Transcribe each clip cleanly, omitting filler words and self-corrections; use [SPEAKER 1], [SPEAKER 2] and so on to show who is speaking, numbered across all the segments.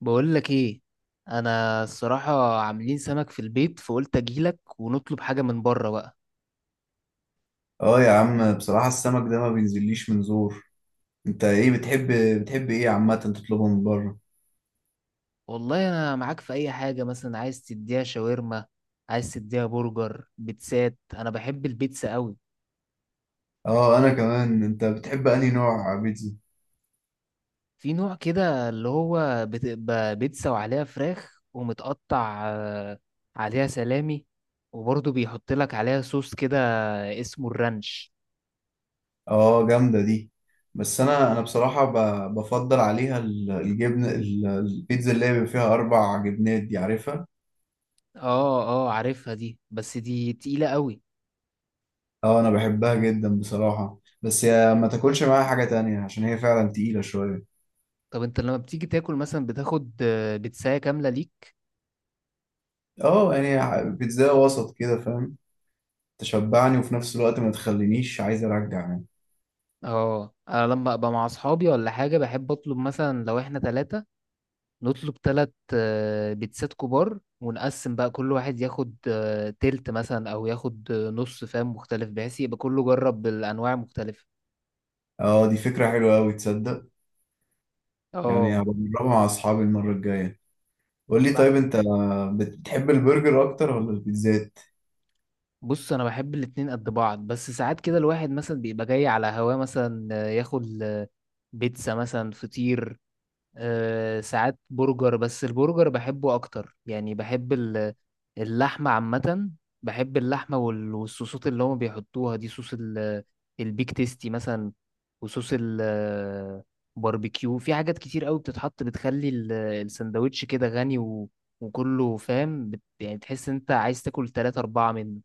[SPEAKER 1] بقول لك ايه. انا الصراحه عاملين سمك في البيت، فقلت اجيلك ونطلب حاجه من بره بقى.
[SPEAKER 2] اه، يا عم، بصراحة السمك ده ما بينزليش من زور. انت ايه بتحب بتحب ايه عامة تطلبه من بره؟
[SPEAKER 1] والله انا معاك في اي حاجه، مثلا عايز تديها شاورما، عايز تديها برجر، بيتزات. انا بحب البيتزا قوي.
[SPEAKER 2] اه، انا كمان. انت بتحب انهي نوع بيتزا؟
[SPEAKER 1] في نوع كده اللي هو بتبقى بيتزا وعليها فراخ ومتقطع، عليها سلامي، وبرضه بيحط لك عليها صوص كده اسمه الرانش.
[SPEAKER 2] اه، جامدة دي. بس انا بصراحة بفضل عليها البيتزا اللي هي بيبقى فيها اربع جبنات دي، عارفها.
[SPEAKER 1] اه، اه، عارفها دي، بس دي تقيله قوي.
[SPEAKER 2] اه، انا بحبها جدا بصراحة، بس يا ما تاكلش معاها حاجة تانية عشان هي فعلا تقيلة شوية.
[SPEAKER 1] طب انت لما بتيجي تاكل مثلا بتاخد بتساية كاملة ليك؟
[SPEAKER 2] اه، يعني بيتزا وسط كده، فاهم؟ تشبعني وفي نفس الوقت ما تخلينيش عايز ارجع يعني.
[SPEAKER 1] اه، انا لما ابقى مع اصحابي ولا حاجة بحب اطلب مثلا، لو احنا 3 نطلب 3 بيتزات كبار، ونقسم بقى، كل واحد ياخد تلت مثلا، او ياخد نص، فاهم، مختلف بحيث يبقى كله جرب بالانواع المختلفة.
[SPEAKER 2] اه، دي فكرة حلوة أوي، تصدق؟ يعني
[SPEAKER 1] اه.
[SPEAKER 2] هبجربها مع أصحابي المرة الجاية. قول لي، طيب
[SPEAKER 1] مع-
[SPEAKER 2] أنت، بتحب البرجر أكتر ولا البيتزات؟
[SPEAKER 1] بص، انا بحب الاتنين قد بعض، بس ساعات كده الواحد مثلا بيبقى جاي على هواه، مثلا ياكل بيتزا مثلا، فطير. ساعات برجر، بس البرجر بحبه اكتر يعني. بحب اللحمه عامه. بحب اللحمه والصوصات اللي هم بيحطوها دي، صوص البيك تيستي مثلا، وصوص الباربيكيو، في حاجات كتير قوي بتتحط بتخلي السندوتش كده غني وكله، فاهم يعني تحس انت عايز تاكل تلاتة أربعة منه.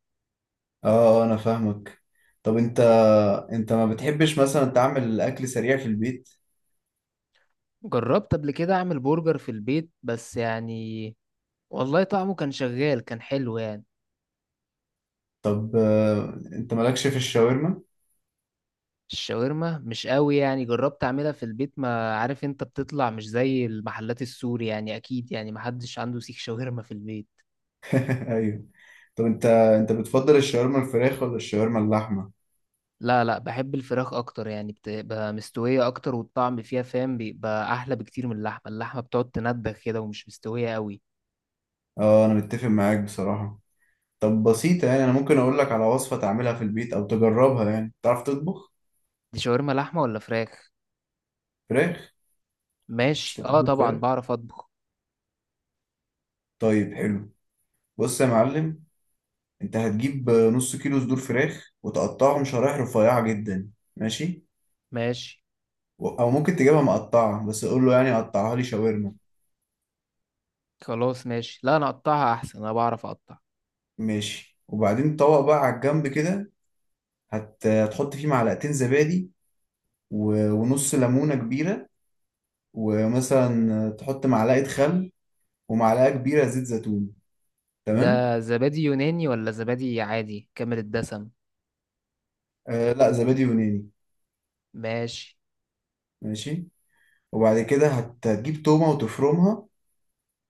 [SPEAKER 2] اه، أنا فاهمك. طب أنت ما بتحبش مثلا تعمل الأكل سريع في البيت؟
[SPEAKER 1] جربت قبل كده أعمل برجر في البيت، بس يعني، والله طعمه كان شغال، كان حلو يعني.
[SPEAKER 2] طب أنت مالكش في الشاورما؟
[SPEAKER 1] الشاورما مش قوي يعني، جربت اعملها في البيت، ما عارف، انت بتطلع مش زي المحلات السوري يعني، اكيد يعني محدش عنده سيخ شاورما في البيت.
[SPEAKER 2] أيوه. طب أنت بتفضل الشاورما الفراخ ولا الشاورما اللحمة؟
[SPEAKER 1] لا، لا، بحب الفراخ اكتر يعني، بتبقى مستوية اكتر، والطعم فيها، فاهم، بيبقى احلى بكتير من اللحمة. اللحمة بتقعد تندخ كده ومش مستوية قوي.
[SPEAKER 2] اه، أنا متفق معاك بصراحة. طب بسيطة، يعني أنا ممكن أقول لك على وصفة تعملها في البيت أو تجربها. يعني تعرف تطبخ
[SPEAKER 1] دي شاورما لحمة ولا فراخ؟
[SPEAKER 2] فراخ؟ مش
[SPEAKER 1] ماشي. اه،
[SPEAKER 2] هتطبخ
[SPEAKER 1] طبعا
[SPEAKER 2] فراخ؟
[SPEAKER 1] بعرف اطبخ.
[SPEAKER 2] طيب حلو. بص يا معلم، انت هتجيب نص كيلو صدور فراخ وتقطعهم شرايح رفيعة جدا. ماشي.
[SPEAKER 1] ماشي،
[SPEAKER 2] او ممكن تجيبها مقطعة، بس قول له يعني قطعها لي شاورما.
[SPEAKER 1] خلاص ماشي. لا، انا اقطعها احسن، انا بعرف اقطع.
[SPEAKER 2] ماشي. وبعدين طبق بقى على الجنب كده. هتحط فيه معلقتين زبادي، ونص ليمونة كبيرة، ومثلا تحط معلقة خل ومعلقة كبيرة زيت زيتون. تمام.
[SPEAKER 1] ده زبادي يوناني ولا زبادي عادي كامل الدسم؟
[SPEAKER 2] لا، زبادي يوناني.
[SPEAKER 1] ماشي.
[SPEAKER 2] ماشي. وبعد كده هتجيب تومة وتفرمها،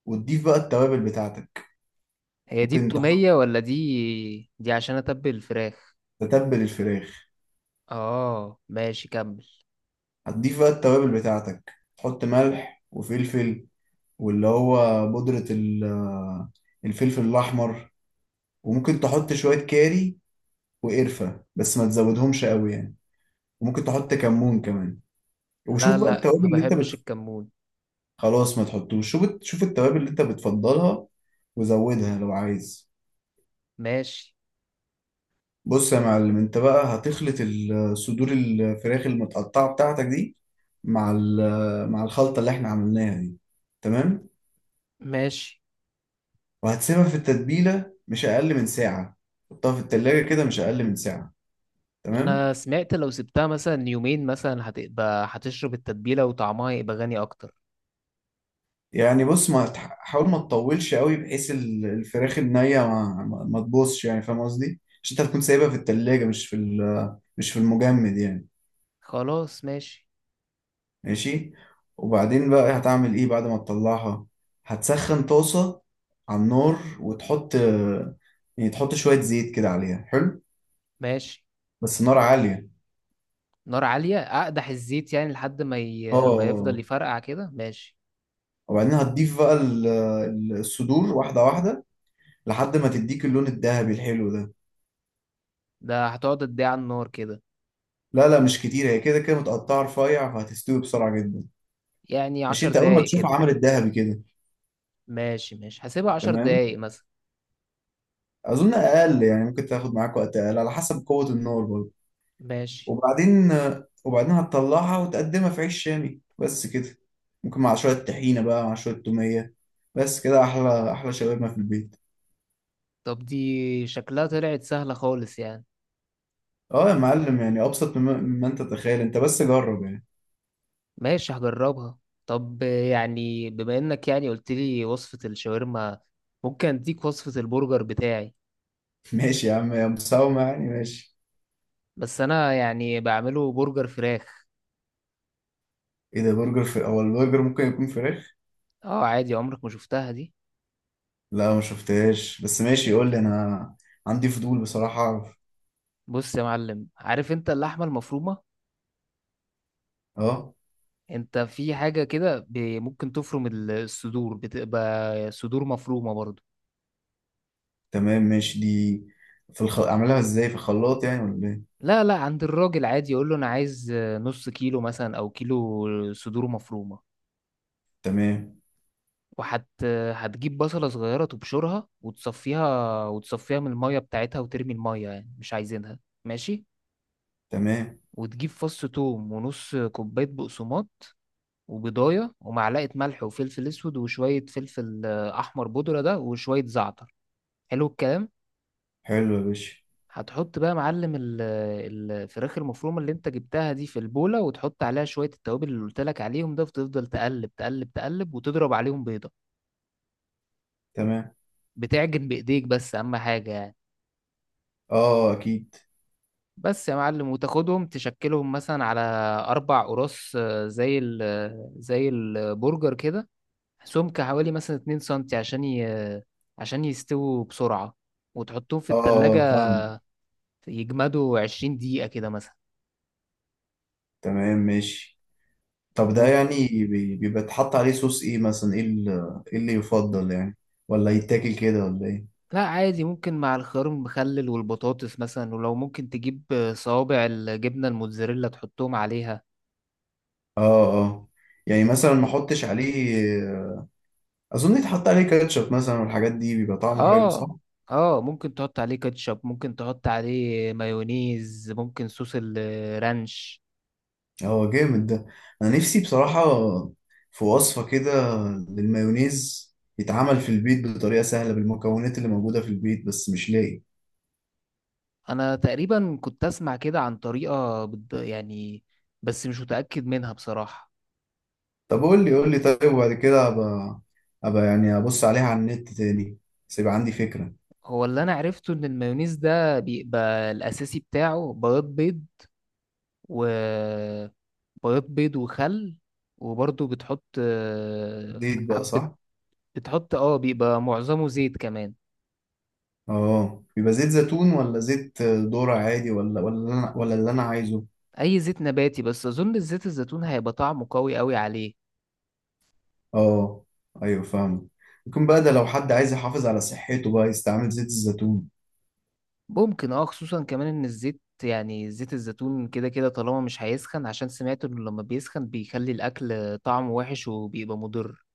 [SPEAKER 2] وتضيف بقى التوابل بتاعتك.
[SPEAKER 1] هي دي
[SPEAKER 2] ممكن تحط،
[SPEAKER 1] التومية ولا دي عشان اتبل الفراخ؟
[SPEAKER 2] تتبل الفراخ.
[SPEAKER 1] اه، ماشي، كمل.
[SPEAKER 2] هتضيف بقى التوابل بتاعتك، تحط ملح وفلفل، واللي هو بودرة الفلفل الأحمر، وممكن تحط شوية كاري وقرفة، بس ما تزودهمش قوي يعني، وممكن تحط كمون كمان.
[SPEAKER 1] لا،
[SPEAKER 2] وشوف بقى
[SPEAKER 1] لا، ما
[SPEAKER 2] التوابل اللي انت
[SPEAKER 1] بحبش الكمون.
[SPEAKER 2] خلاص، ما تحطوش. شوف شوف التوابل اللي انت بتفضلها، وزودها لو عايز.
[SPEAKER 1] ماشي،
[SPEAKER 2] بص يا معلم، انت بقى هتخلط صدور الفراخ المتقطعة بتاعتك دي مع مع الخلطة اللي احنا عملناها دي. تمام.
[SPEAKER 1] ماشي.
[SPEAKER 2] وهتسيبها في التتبيلة مش أقل من ساعة، حطها في التلاجة كده مش أقل من ساعة. تمام.
[SPEAKER 1] انا سمعت لو سبتها مثلا يومين مثلا هتبقى هتشرب التتبيلة وطعمها يبقى غني اكتر.
[SPEAKER 2] يعني بص، ما تح- حاول ما تطولش قوي، بحيث الفراخ النية ما تبوظش يعني. فاهم قصدي؟ عشان انت هتكون سايبها في التلاجة، مش في المجمد يعني.
[SPEAKER 1] خلاص ماشي،
[SPEAKER 2] ماشي. وبعدين بقى هتعمل ايه بعد ما تطلعها؟ هتسخن طاسة على النار وتحط، يعني تحط شوية زيت كده عليها، حلو.
[SPEAKER 1] ماشي.
[SPEAKER 2] بس النار عالية.
[SPEAKER 1] نار عالية، اقدح الزيت يعني لحد
[SPEAKER 2] اه،
[SPEAKER 1] ما يفضل يفرقع كده، ماشي.
[SPEAKER 2] وبعدين هتضيف بقى الصدور واحدة واحدة، لحد ما تديك اللون الذهبي الحلو ده.
[SPEAKER 1] ده هتقعد قد ايه على النار كده؟
[SPEAKER 2] لا لا، مش كتير، هي كده كده متقطعة رفيع، فهتستوي بسرعة جدا.
[SPEAKER 1] يعني
[SPEAKER 2] مش
[SPEAKER 1] عشر
[SPEAKER 2] انت اول ما
[SPEAKER 1] دقايق كده؟
[SPEAKER 2] تشوفها عملت ذهبي كده.
[SPEAKER 1] ماشي، ماشي، هسيبها عشر
[SPEAKER 2] تمام.
[SPEAKER 1] دقايق مثلا.
[SPEAKER 2] اظن اقل، يعني ممكن تاخد معاك وقت اقل على حسب قوة النار برضه.
[SPEAKER 1] ماشي.
[SPEAKER 2] وبعدين وبعدين هتطلعها وتقدمها في عيش شامي، بس كده. ممكن مع شوية طحينة بقى، مع شوية تومية. بس كده احلى احلى شاورما في البيت.
[SPEAKER 1] طب دي شكلها طلعت سهلة خالص يعني.
[SPEAKER 2] اه يا معلم، يعني ابسط مما انت تتخيل. انت بس جرب يعني.
[SPEAKER 1] ماشي، هجربها. طب، يعني بما انك يعني قلت لي وصفة الشاورما، ممكن اديك وصفة البرجر بتاعي.
[SPEAKER 2] ماشي يا عم يا مساومة، يعني ماشي.
[SPEAKER 1] بس انا يعني بعمله برجر فراخ.
[SPEAKER 2] ايه ده، برجر؟ في، هو البرجر ممكن يكون فراخ؟
[SPEAKER 1] اه، عادي، عمرك ما شفتها دي؟
[SPEAKER 2] لا، ما شفتهاش. بس ماشي، قول لي انا، عندي فضول بصراحة اعرف.
[SPEAKER 1] بص يا معلم، عارف انت اللحمة المفرومة؟
[SPEAKER 2] اه.
[SPEAKER 1] انت في حاجة كده، ممكن تفرم الصدور، بتبقى صدور مفرومة برضو.
[SPEAKER 2] تمام ماشي، دي اعملها ازاي، في الخلاط يعني ولا ايه؟
[SPEAKER 1] لا، لا، عند الراجل عادي، يقول له انا عايز نص كيلو مثلا او كيلو صدور مفرومة.
[SPEAKER 2] تمام.
[SPEAKER 1] وهت هتجيب بصلة صغيرة تبشرها وتصفيها وتصفيها من المية بتاعتها، وترمي المية، يعني مش عايزينها. ماشي.
[SPEAKER 2] تمام.
[SPEAKER 1] وتجيب فص توم ونص كوباية بقسماط وبيضاية ومعلقة ملح وفلفل أسود وشوية فلفل أحمر بودرة ده، وشوية زعتر. حلو الكلام.
[SPEAKER 2] حلو يا باشا.
[SPEAKER 1] هتحط بقى يا معلم الفراخ المفرومة اللي انت جبتها دي في البولة، وتحط عليها شوية التوابل اللي قلت لك عليهم ده، وتفضل تقلب تقلب تقلب، وتضرب عليهم بيضة.
[SPEAKER 2] تمام.
[SPEAKER 1] بتعجن بإيديك بس، أهم حاجة يعني.
[SPEAKER 2] اه، اكيد.
[SPEAKER 1] بس يا معلم، وتاخدهم تشكلهم مثلا على 4 قراص، زي ال آه، زي البرجر كده. سمك حوالي مثلا 2 سنتي، عشان ي... آه، عشان يستووا بسرعة، وتحطهم في
[SPEAKER 2] اه،
[SPEAKER 1] التلاجة
[SPEAKER 2] فاهم.
[SPEAKER 1] يجمدوا 20 دقيقة كده مثلا.
[SPEAKER 2] تمام ماشي. طب ده
[SPEAKER 1] و...
[SPEAKER 2] يعني بيبقى اتحط عليه صوص ايه مثلا؟ إيه اللي يفضل يعني؟ ولا يتاكل كده ولا ايه؟
[SPEAKER 1] لا، عادي، ممكن مع الخيار المخلل والبطاطس مثلا، ولو ممكن تجيب صوابع الجبنة الموتزاريلا تحطهم عليها.
[SPEAKER 2] اه، اه، يعني مثلا ما احطش عليه. اظن يتحط عليه كاتشب مثلا، والحاجات دي بيبقى طعمه حلو، صح؟
[SPEAKER 1] اه، اه، ممكن تحط عليه كاتشب، ممكن تحط عليه مايونيز، ممكن صوص الرانش.
[SPEAKER 2] هو جامد ده. انا نفسي بصراحة في وصفة كده للمايونيز، يتعمل في البيت بطريقة سهلة بالمكونات اللي موجودة في البيت، بس مش لاقي.
[SPEAKER 1] انا تقريبا كنت اسمع كده عن طريقة يعني، بس مش متأكد منها بصراحة.
[SPEAKER 2] طب قول لي، قول لي، طيب وبعد كده ابقى، ابقى يعني ابص عليها على النت تاني، بس يبقى عندي فكرة.
[SPEAKER 1] هو اللي انا عرفته ان المايونيز ده بيبقى الاساسي بتاعه بياض بيض وبياض بيض وخل، وبرضه بتحط
[SPEAKER 2] زيت بقى،
[SPEAKER 1] حبة.
[SPEAKER 2] صح؟
[SPEAKER 1] بتحط، بيبقى معظمه زيت كمان.
[SPEAKER 2] اه، بيبقى زيت زيتون ولا زيت ذرة عادي، ولا اللي انا عايزه؟
[SPEAKER 1] اي زيت نباتي، بس اظن الزيت الزيتون هيبقى طعمه قوي قوي عليه.
[SPEAKER 2] اه، ايوه، فاهم. ممكن بقى ده، لو حد عايز يحافظ على صحته بقى يستعمل زيت الزيتون.
[SPEAKER 1] ممكن، خصوصا كمان ان الزيت، يعني زيت الزيتون، كده كده، طالما مش هيسخن، عشان سمعت انه لما بيسخن بيخلي الاكل طعمه وحش وبيبقى مضر.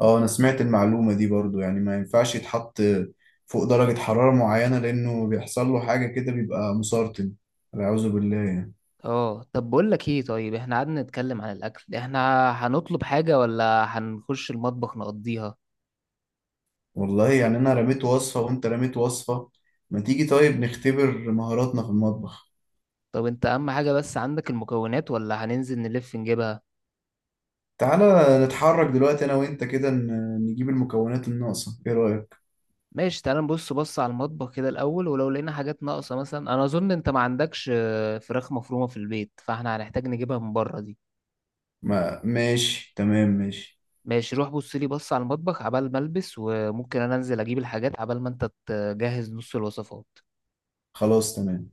[SPEAKER 2] اه، انا سمعت المعلومة دي برضو، يعني ما ينفعش يتحط فوق درجة حرارة معينة، لانه بيحصل له حاجة كده، بيبقى مسرطن، والعياذ بالله يعني.
[SPEAKER 1] اه، طب بقول لك ايه، طيب احنا قعدنا نتكلم عن الاكل، احنا هنطلب حاجة ولا هنخش المطبخ نقضيها؟
[SPEAKER 2] والله، يعني انا رميت وصفة وانت رميت وصفة، ما تيجي طيب نختبر مهاراتنا في المطبخ.
[SPEAKER 1] طب انت اهم حاجة، بس عندك المكونات ولا هننزل نلف نجيبها؟
[SPEAKER 2] تعالى نتحرك دلوقتي انا وانت كده، نجيب المكونات الناقصة، ايه رأيك؟
[SPEAKER 1] ماشي، تعال نبص بص على المطبخ كده الاول، ولو لقينا حاجات ناقصة، مثلا انا اظن انت ما عندكش فراخ مفرومة في البيت، فاحنا هنحتاج نجيبها من بره دي.
[SPEAKER 2] ما ماشي، تمام ماشي.
[SPEAKER 1] ماشي، روح بص لي بص على المطبخ عبال ما البس، وممكن انا انزل اجيب الحاجات عبال ما انت تجهز نص الوصفات.
[SPEAKER 2] خلاص تمام.